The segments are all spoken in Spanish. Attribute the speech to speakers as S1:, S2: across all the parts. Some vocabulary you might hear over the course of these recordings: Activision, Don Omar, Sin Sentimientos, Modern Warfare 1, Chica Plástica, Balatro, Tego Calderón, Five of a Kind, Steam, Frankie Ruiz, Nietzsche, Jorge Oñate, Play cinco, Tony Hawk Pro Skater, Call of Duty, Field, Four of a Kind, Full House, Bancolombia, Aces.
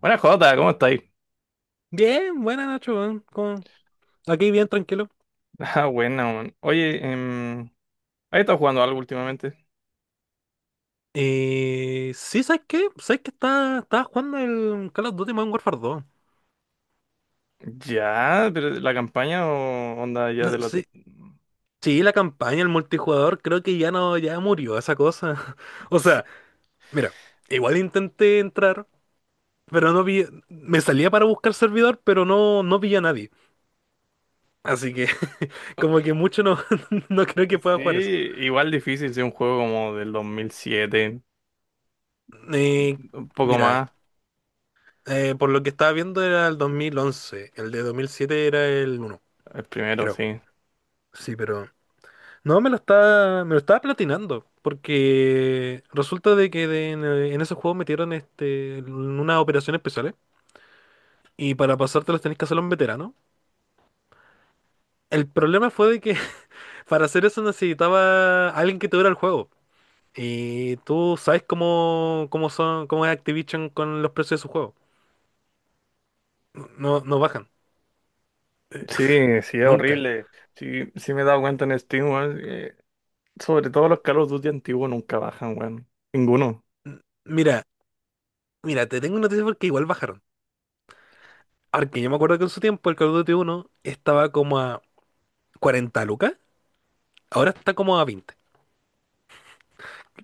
S1: Buena Jota, ¿cómo estáis?
S2: Bien, buena Nacho, weón. Aquí bien tranquilo.
S1: Ah, buena, man. Oye, ¿has estado jugando algo últimamente?
S2: Sí, ¿sabes qué? ¿Sabes que estaba jugando el Call of Duty Modern Warfare 2?
S1: Ya, pero la campaña o onda ya
S2: No,
S1: de lo.
S2: sí, sí, la campaña, el multijugador, creo que ya no, ya murió esa cosa. O
S1: Sí,
S2: sea, mira, igual intenté entrar, pero no vi, me salía para buscar servidor, pero no vi a nadie. Así que como que mucho no, no creo que pueda
S1: sí,
S2: jugar eso.
S1: igual difícil, sí, un juego como del 2007,
S2: Eh,
S1: un poco
S2: Mira,
S1: más.
S2: por lo que estaba viendo era el 2011, el de 2007 era el uno,
S1: El primero,
S2: creo.
S1: sí.
S2: Sí, pero... No, me lo estaba platinando, porque resulta de que en esos juegos metieron unas operaciones especiales y para pasártelas tenés que hacerlo en veterano. El problema fue de que para hacer eso necesitaba alguien que te dura el juego. Y tú sabes cómo son, cómo es Activision con los precios de sus juegos. No bajan,
S1: Sí, sí, es
S2: nunca.
S1: horrible. Sí, sí me he dado cuenta en Steam, weón, sobre todo los Call of Duty antiguos nunca bajan, weón. Ninguno.
S2: Mira, mira, te tengo una noticia porque igual bajaron. Ahora yo me acuerdo que en su tiempo el Call of Duty uno estaba como a 40 lucas, ahora está como a 20.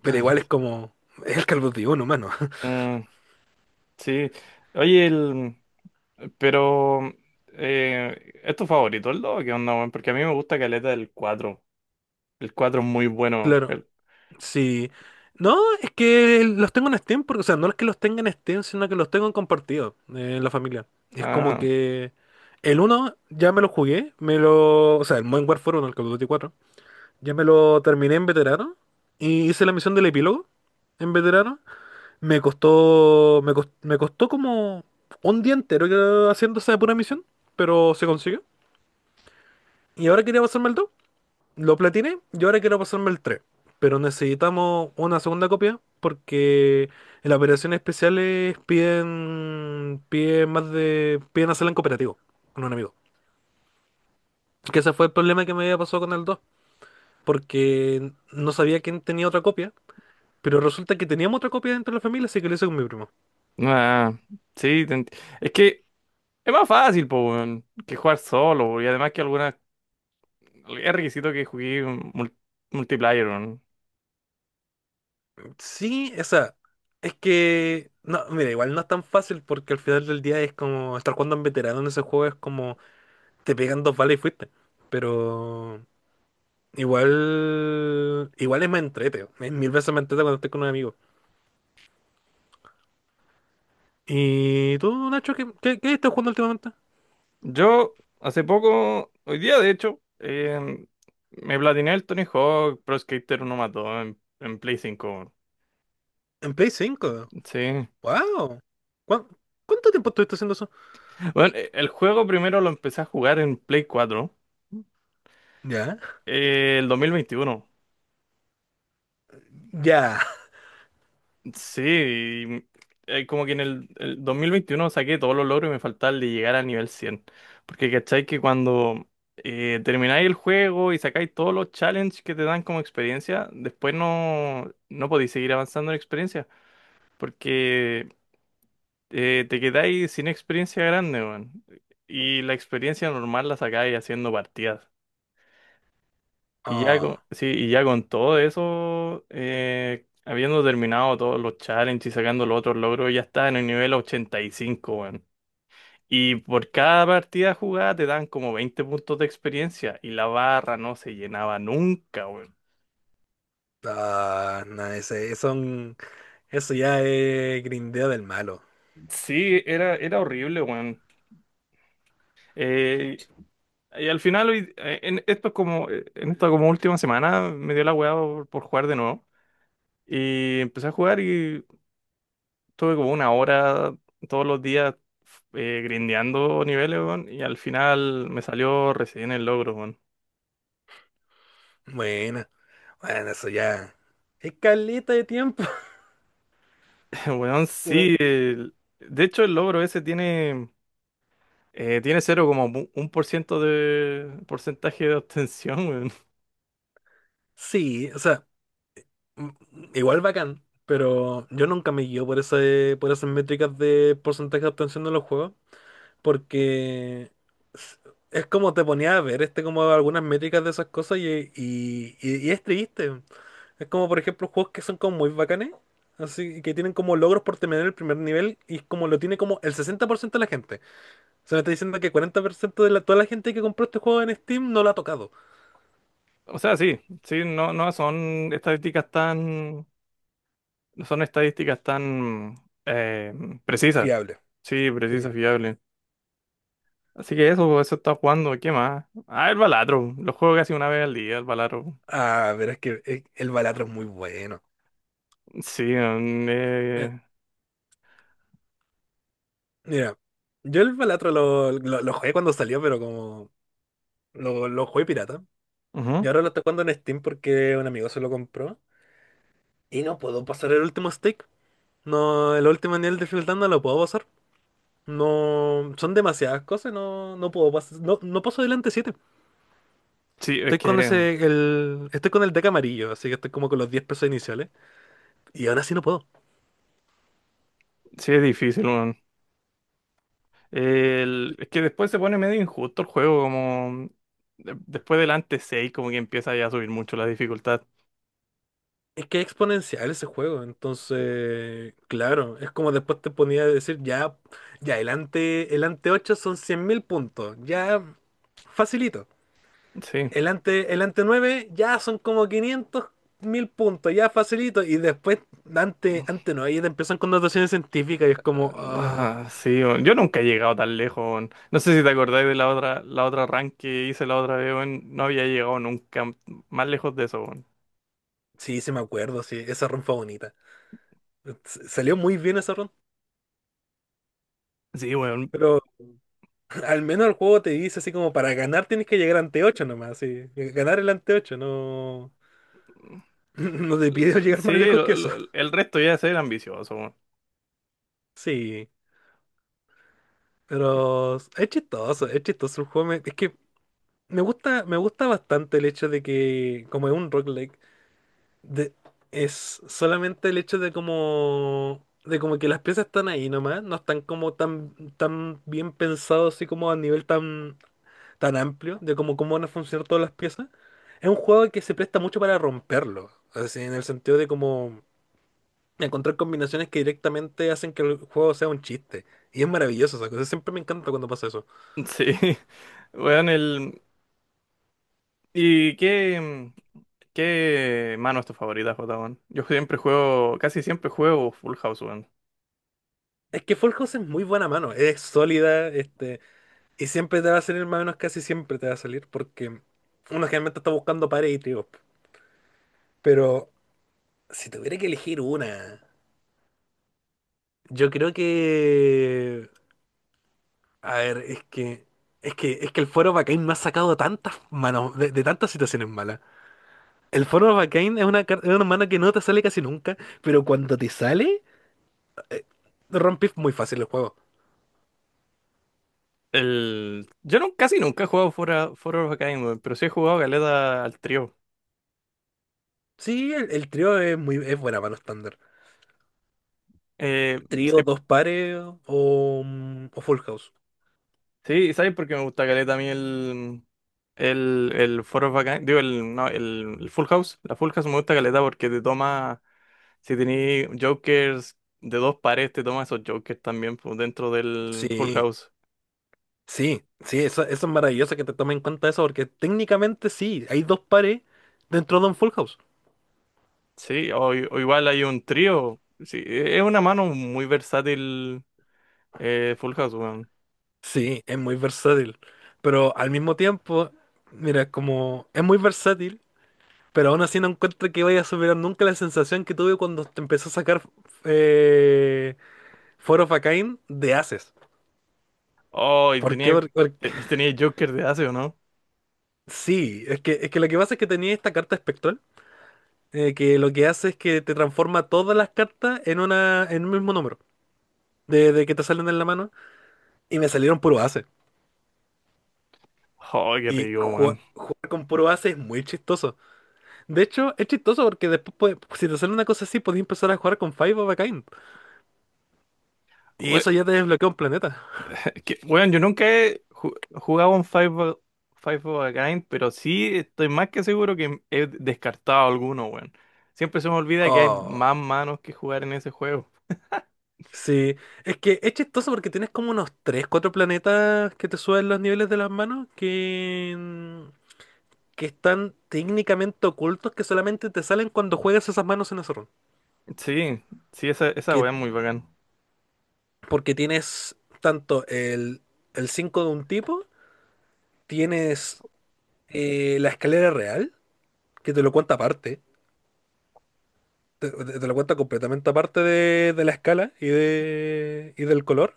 S2: Pero igual es el Call of Duty uno, mano.
S1: Mm, sí. Oye, pero, ¿es tu favorito el 2 o qué onda, weón? Porque a mí me gusta caleta del cuatro. El 4 es muy bueno.
S2: Claro, sí. No, es que los tengo en Steam, porque, o sea, no es que los tenga en Steam, sino que los tengo en compartido, en la familia. Es como
S1: Ah,
S2: que el uno ya me lo jugué, o sea, el Modern Warfare 1, el Call of Duty cuatro ya me lo terminé en veterano y hice la misión del epílogo en veterano. Me costó como un día entero, haciendo esa pura misión, pero se consiguió. Y ahora quería pasarme el 2. Lo platiné y ahora quiero pasarme el tres. Pero necesitamos una segunda copia porque en las operaciones especiales piden hacerla en cooperativo con un amigo. Que ese fue el problema que me había pasado con el 2, porque no sabía quién tenía otra copia. Pero resulta que teníamos otra copia dentro de la familia, así que lo hice con mi primo.
S1: ah, sí. Es que es más fácil, po, weón, que jugar solo, weón, y además que algunas. Es requisito que jugué multiplayer, weón.
S2: Sí, esa. Es que. No, mira, igual no es tan fácil porque al final del día es como estar jugando en veterano en ese juego, es como te pegan dos balas y fuiste. Pero. Igual, igual es más entrete, es mil veces más entrete cuando estoy con un amigo. ¿Y tú, Nacho, qué estás jugando últimamente?
S1: Yo, hace poco, hoy día de hecho, me platiné el Tony Hawk Pro Skater uno más 2 en Play 5 weón.
S2: En Play cinco.
S1: Sí.
S2: ¡Wow! ¿Cuán- ¿Cuánto tiempo estuviste haciendo eso?
S1: Bueno, el juego primero lo empecé a jugar en Play 4.
S2: ¿Ya?
S1: El 2021.
S2: Ya.
S1: Sí, como que en el 2021 saqué todos los logros y me faltaba el de llegar al nivel 100. Porque cachai que cuando termináis el juego y sacáis todos los challenges que te dan como experiencia, después no podéis seguir avanzando en experiencia. Porque te quedáis sin experiencia grande, weón. Y la experiencia normal la sacáis haciendo partidas.
S2: Oh,
S1: Sí, y ya con todo eso, habiendo terminado todos los challenges y sacando los otros logros, ya estaba en el nivel 85 weón. Y por cada partida jugada te dan como 20 puntos de experiencia y la barra no se llenaba nunca, weón.
S2: ah, no, eso ya es grindeo del malo.
S1: Sí, era horrible, weón. Eh, y al final, esto es como, en esta como última semana me dio la weá por jugar de nuevo. Y empecé a jugar y tuve como 1 hora todos los días, grindeando niveles, weón, y al final me salió recién el logro, weón.
S2: Bueno, bueno, eso ya. Es caleta de tiempo.
S1: Weón,
S2: Pero
S1: sí. De hecho, el logro ese tiene cero como 1% de porcentaje de obtención, weón.
S2: sí, o sea. mm, Igual bacán, pero yo nunca me guío por ese, por esas métricas de porcentaje de obtención de los juegos, porque s- es como te ponía a ver como algunas métricas de esas cosas y es triste. Es como por ejemplo juegos que son como muy bacanes, así que tienen como logros por terminar el primer nivel y es como lo tiene como el 60% de la gente. Se me está diciendo que 40% de la, toda la gente que compró este juego en Steam no lo ha tocado.
S1: O sea, sí, sí, no son estadísticas tan eh, precisas.
S2: Fiable.
S1: Sí, precisas,
S2: ¿Qué?
S1: fiables. Así que eso está jugando, ¿qué más? Ah, el Balatro, lo juego casi una vez al día, el Balatro.
S2: Ah, pero es que el Balatro es muy bueno.
S1: Sí,
S2: Mira, yo el Balatro lo jugué cuando salió, pero como lo jugué pirata. Y
S1: ujú.
S2: ahora lo estoy jugando en Steam porque un amigo se lo compró. Y no puedo pasar el último stake. No, el último nivel de Field no lo puedo pasar. No, son demasiadas cosas, no puedo pasar. No, no paso delante siete.
S1: Sí, es
S2: Estoy con
S1: que
S2: ese, el, estoy con el deck amarillo, así que estoy como con los 10 pesos iniciales. Y aún así no puedo.
S1: sí es difícil, weón. Es que después se pone medio injusto el juego, como después del antes 6 como que empieza ya a subir mucho la dificultad.
S2: Es que es exponencial ese juego, entonces, claro, es como después te ponía a decir, ya, ya, el ante 8 son 100.000 puntos, ya, facilito.
S1: Sí.
S2: El ante 9 ya son como 500.000 puntos, ya, facilito. Y después, ante,
S1: Mm.
S2: ante 9 ya te empiezan con notaciones científicas y es como, ah,
S1: Ah, sí, weón. Yo nunca he llegado tan lejos, weón. No sé si te acordáis de la otra rank que hice la otra vez, weón. No había llegado nunca más lejos de eso, weón.
S2: sí, sí me acuerdo, sí, esa ronda fue bonita. Salió muy bien esa ronda.
S1: Sí, weón.
S2: Pero al menos el juego te dice así como para ganar tienes que llegar ante 8 nomás, sí. Ganar el ante 8, no. No te pide llegar
S1: Sí,
S2: más lejos que eso.
S1: el resto ya es ser ambicioso, weón.
S2: Sí.
S1: Sí,
S2: Pero es chistoso el juego. Es que me gusta bastante el hecho de que, como es un rock like, de- es solamente el hecho de como, de como que las piezas están ahí nomás, no están como tan, tan bien pensados así como a nivel tan, tan amplio, de como cómo van a funcionar todas las piezas. Es un juego que se presta mucho para romperlo. Así, en el sentido de como encontrar combinaciones que directamente hacen que el juego sea un chiste. Y es maravilloso esa cosa. Siempre me encanta cuando pasa eso.
S1: weón, ¿y qué mano es tu favorita, Jota, weón? Yo siempre juego, casi siempre juego Full House, weón.
S2: Es que Fall House es muy buena mano. Es sólida, y siempre te va a salir más o menos, casi siempre te va a salir. Porque uno generalmente está buscando pares y tríos. Pero si tuviera que elegir una, yo creo que. A ver, es que. Es que el Foro Bacane me ha sacado tantas manos, de tantas situaciones malas. El Foro Bacane es una, es una mano que no te sale casi nunca, pero cuando te sale. Rompí muy fácil el juego.
S1: Yo no, casi nunca he jugado Fuera of a Kind, weón, pero sí he jugado Galeta al trío.
S2: Sí, el trío es buena mano estándar.
S1: Eh,
S2: Trío,
S1: sí,
S2: dos pares o full house.
S1: sí, ¿sabes por qué me gusta Galeta a mí el Four of a Kind? Digo, no, el Full House. La Full House me gusta Galeta porque te toma, si tenés Jokers de dos pares, te toma esos Jokers también pues, dentro del Full
S2: Sí,
S1: House.
S2: sí, sí, eso es maravilloso que te tomen en cuenta eso, porque técnicamente sí, hay dos pares dentro de un full house.
S1: Sí, o igual hay un trío. Sí, es una mano muy versátil, Full House, weón.
S2: Sí, es muy versátil. Pero al mismo tiempo, mira, como es muy versátil, pero aún así no encuentro que vaya a superar nunca la sensación que tuve cuando te empezó a sacar, eh, Four of a Kind de Aces.
S1: Oh, y
S2: ¿Por qué?
S1: tenía, tenía Joker de Ace, ¿o no?
S2: Sí, es que lo que pasa es que tenía esta carta espectral, que lo que hace es que te transforma todas las cartas en un mismo número, de que te salen en la mano, y me salieron puro ace.
S1: Oh, qué
S2: Y
S1: rico, weón.
S2: jugar con puro ace es muy chistoso. De hecho, es chistoso porque después, si te sale una cosa así, podés empezar a jugar con Five of a Kind. Y
S1: We-
S2: eso ya te desbloquea un planeta.
S1: Weón, yo nunca he jugado un Five of a Kind, pero sí estoy más que seguro que he descartado alguno, weón. Siempre se me olvida que hay más
S2: Oh.
S1: manos que jugar en ese juego.
S2: Sí, es que es chistoso porque tienes como unos 3 4 planetas que te suben los niveles de las manos que... que están técnicamente ocultos, que solamente te salen cuando juegas esas manos en ese run.
S1: Sí, sí, esa weá
S2: Que,
S1: es muy bacán.
S2: porque tienes tanto el 5 de un tipo, tienes, la escalera real, que te lo cuenta aparte, te lo cuenta completamente aparte de la escala y, de, y del color.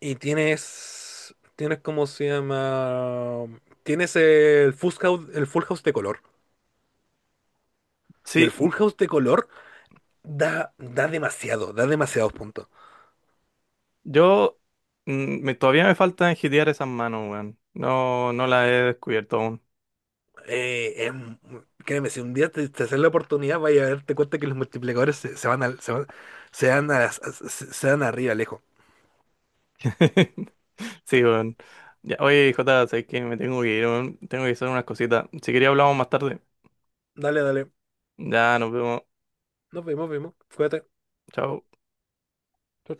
S2: Y tienes, tienes, ¿cómo se llama? Tienes el full house de color. Y el full
S1: Sí,
S2: house de color da, da demasiado, da demasiados puntos.
S1: yo todavía me falta enjitear esas manos, weón. No, no las he descubierto aún.
S2: Eh, em, Créeme, si un día te haces la oportunidad, vaya a darte cuenta que los multiplicadores se van al, se van, se dan a las- se dan arriba, lejos.
S1: Sí, weón. Ya, oye, Jota, sé que me tengo que ir, weón. Tengo que hacer unas cositas. Si quería hablamos más tarde.
S2: Dale, dale.
S1: Ya, nos vemos.
S2: Nos vemos, vemos. Cuídate.
S1: Chao.
S2: Chau,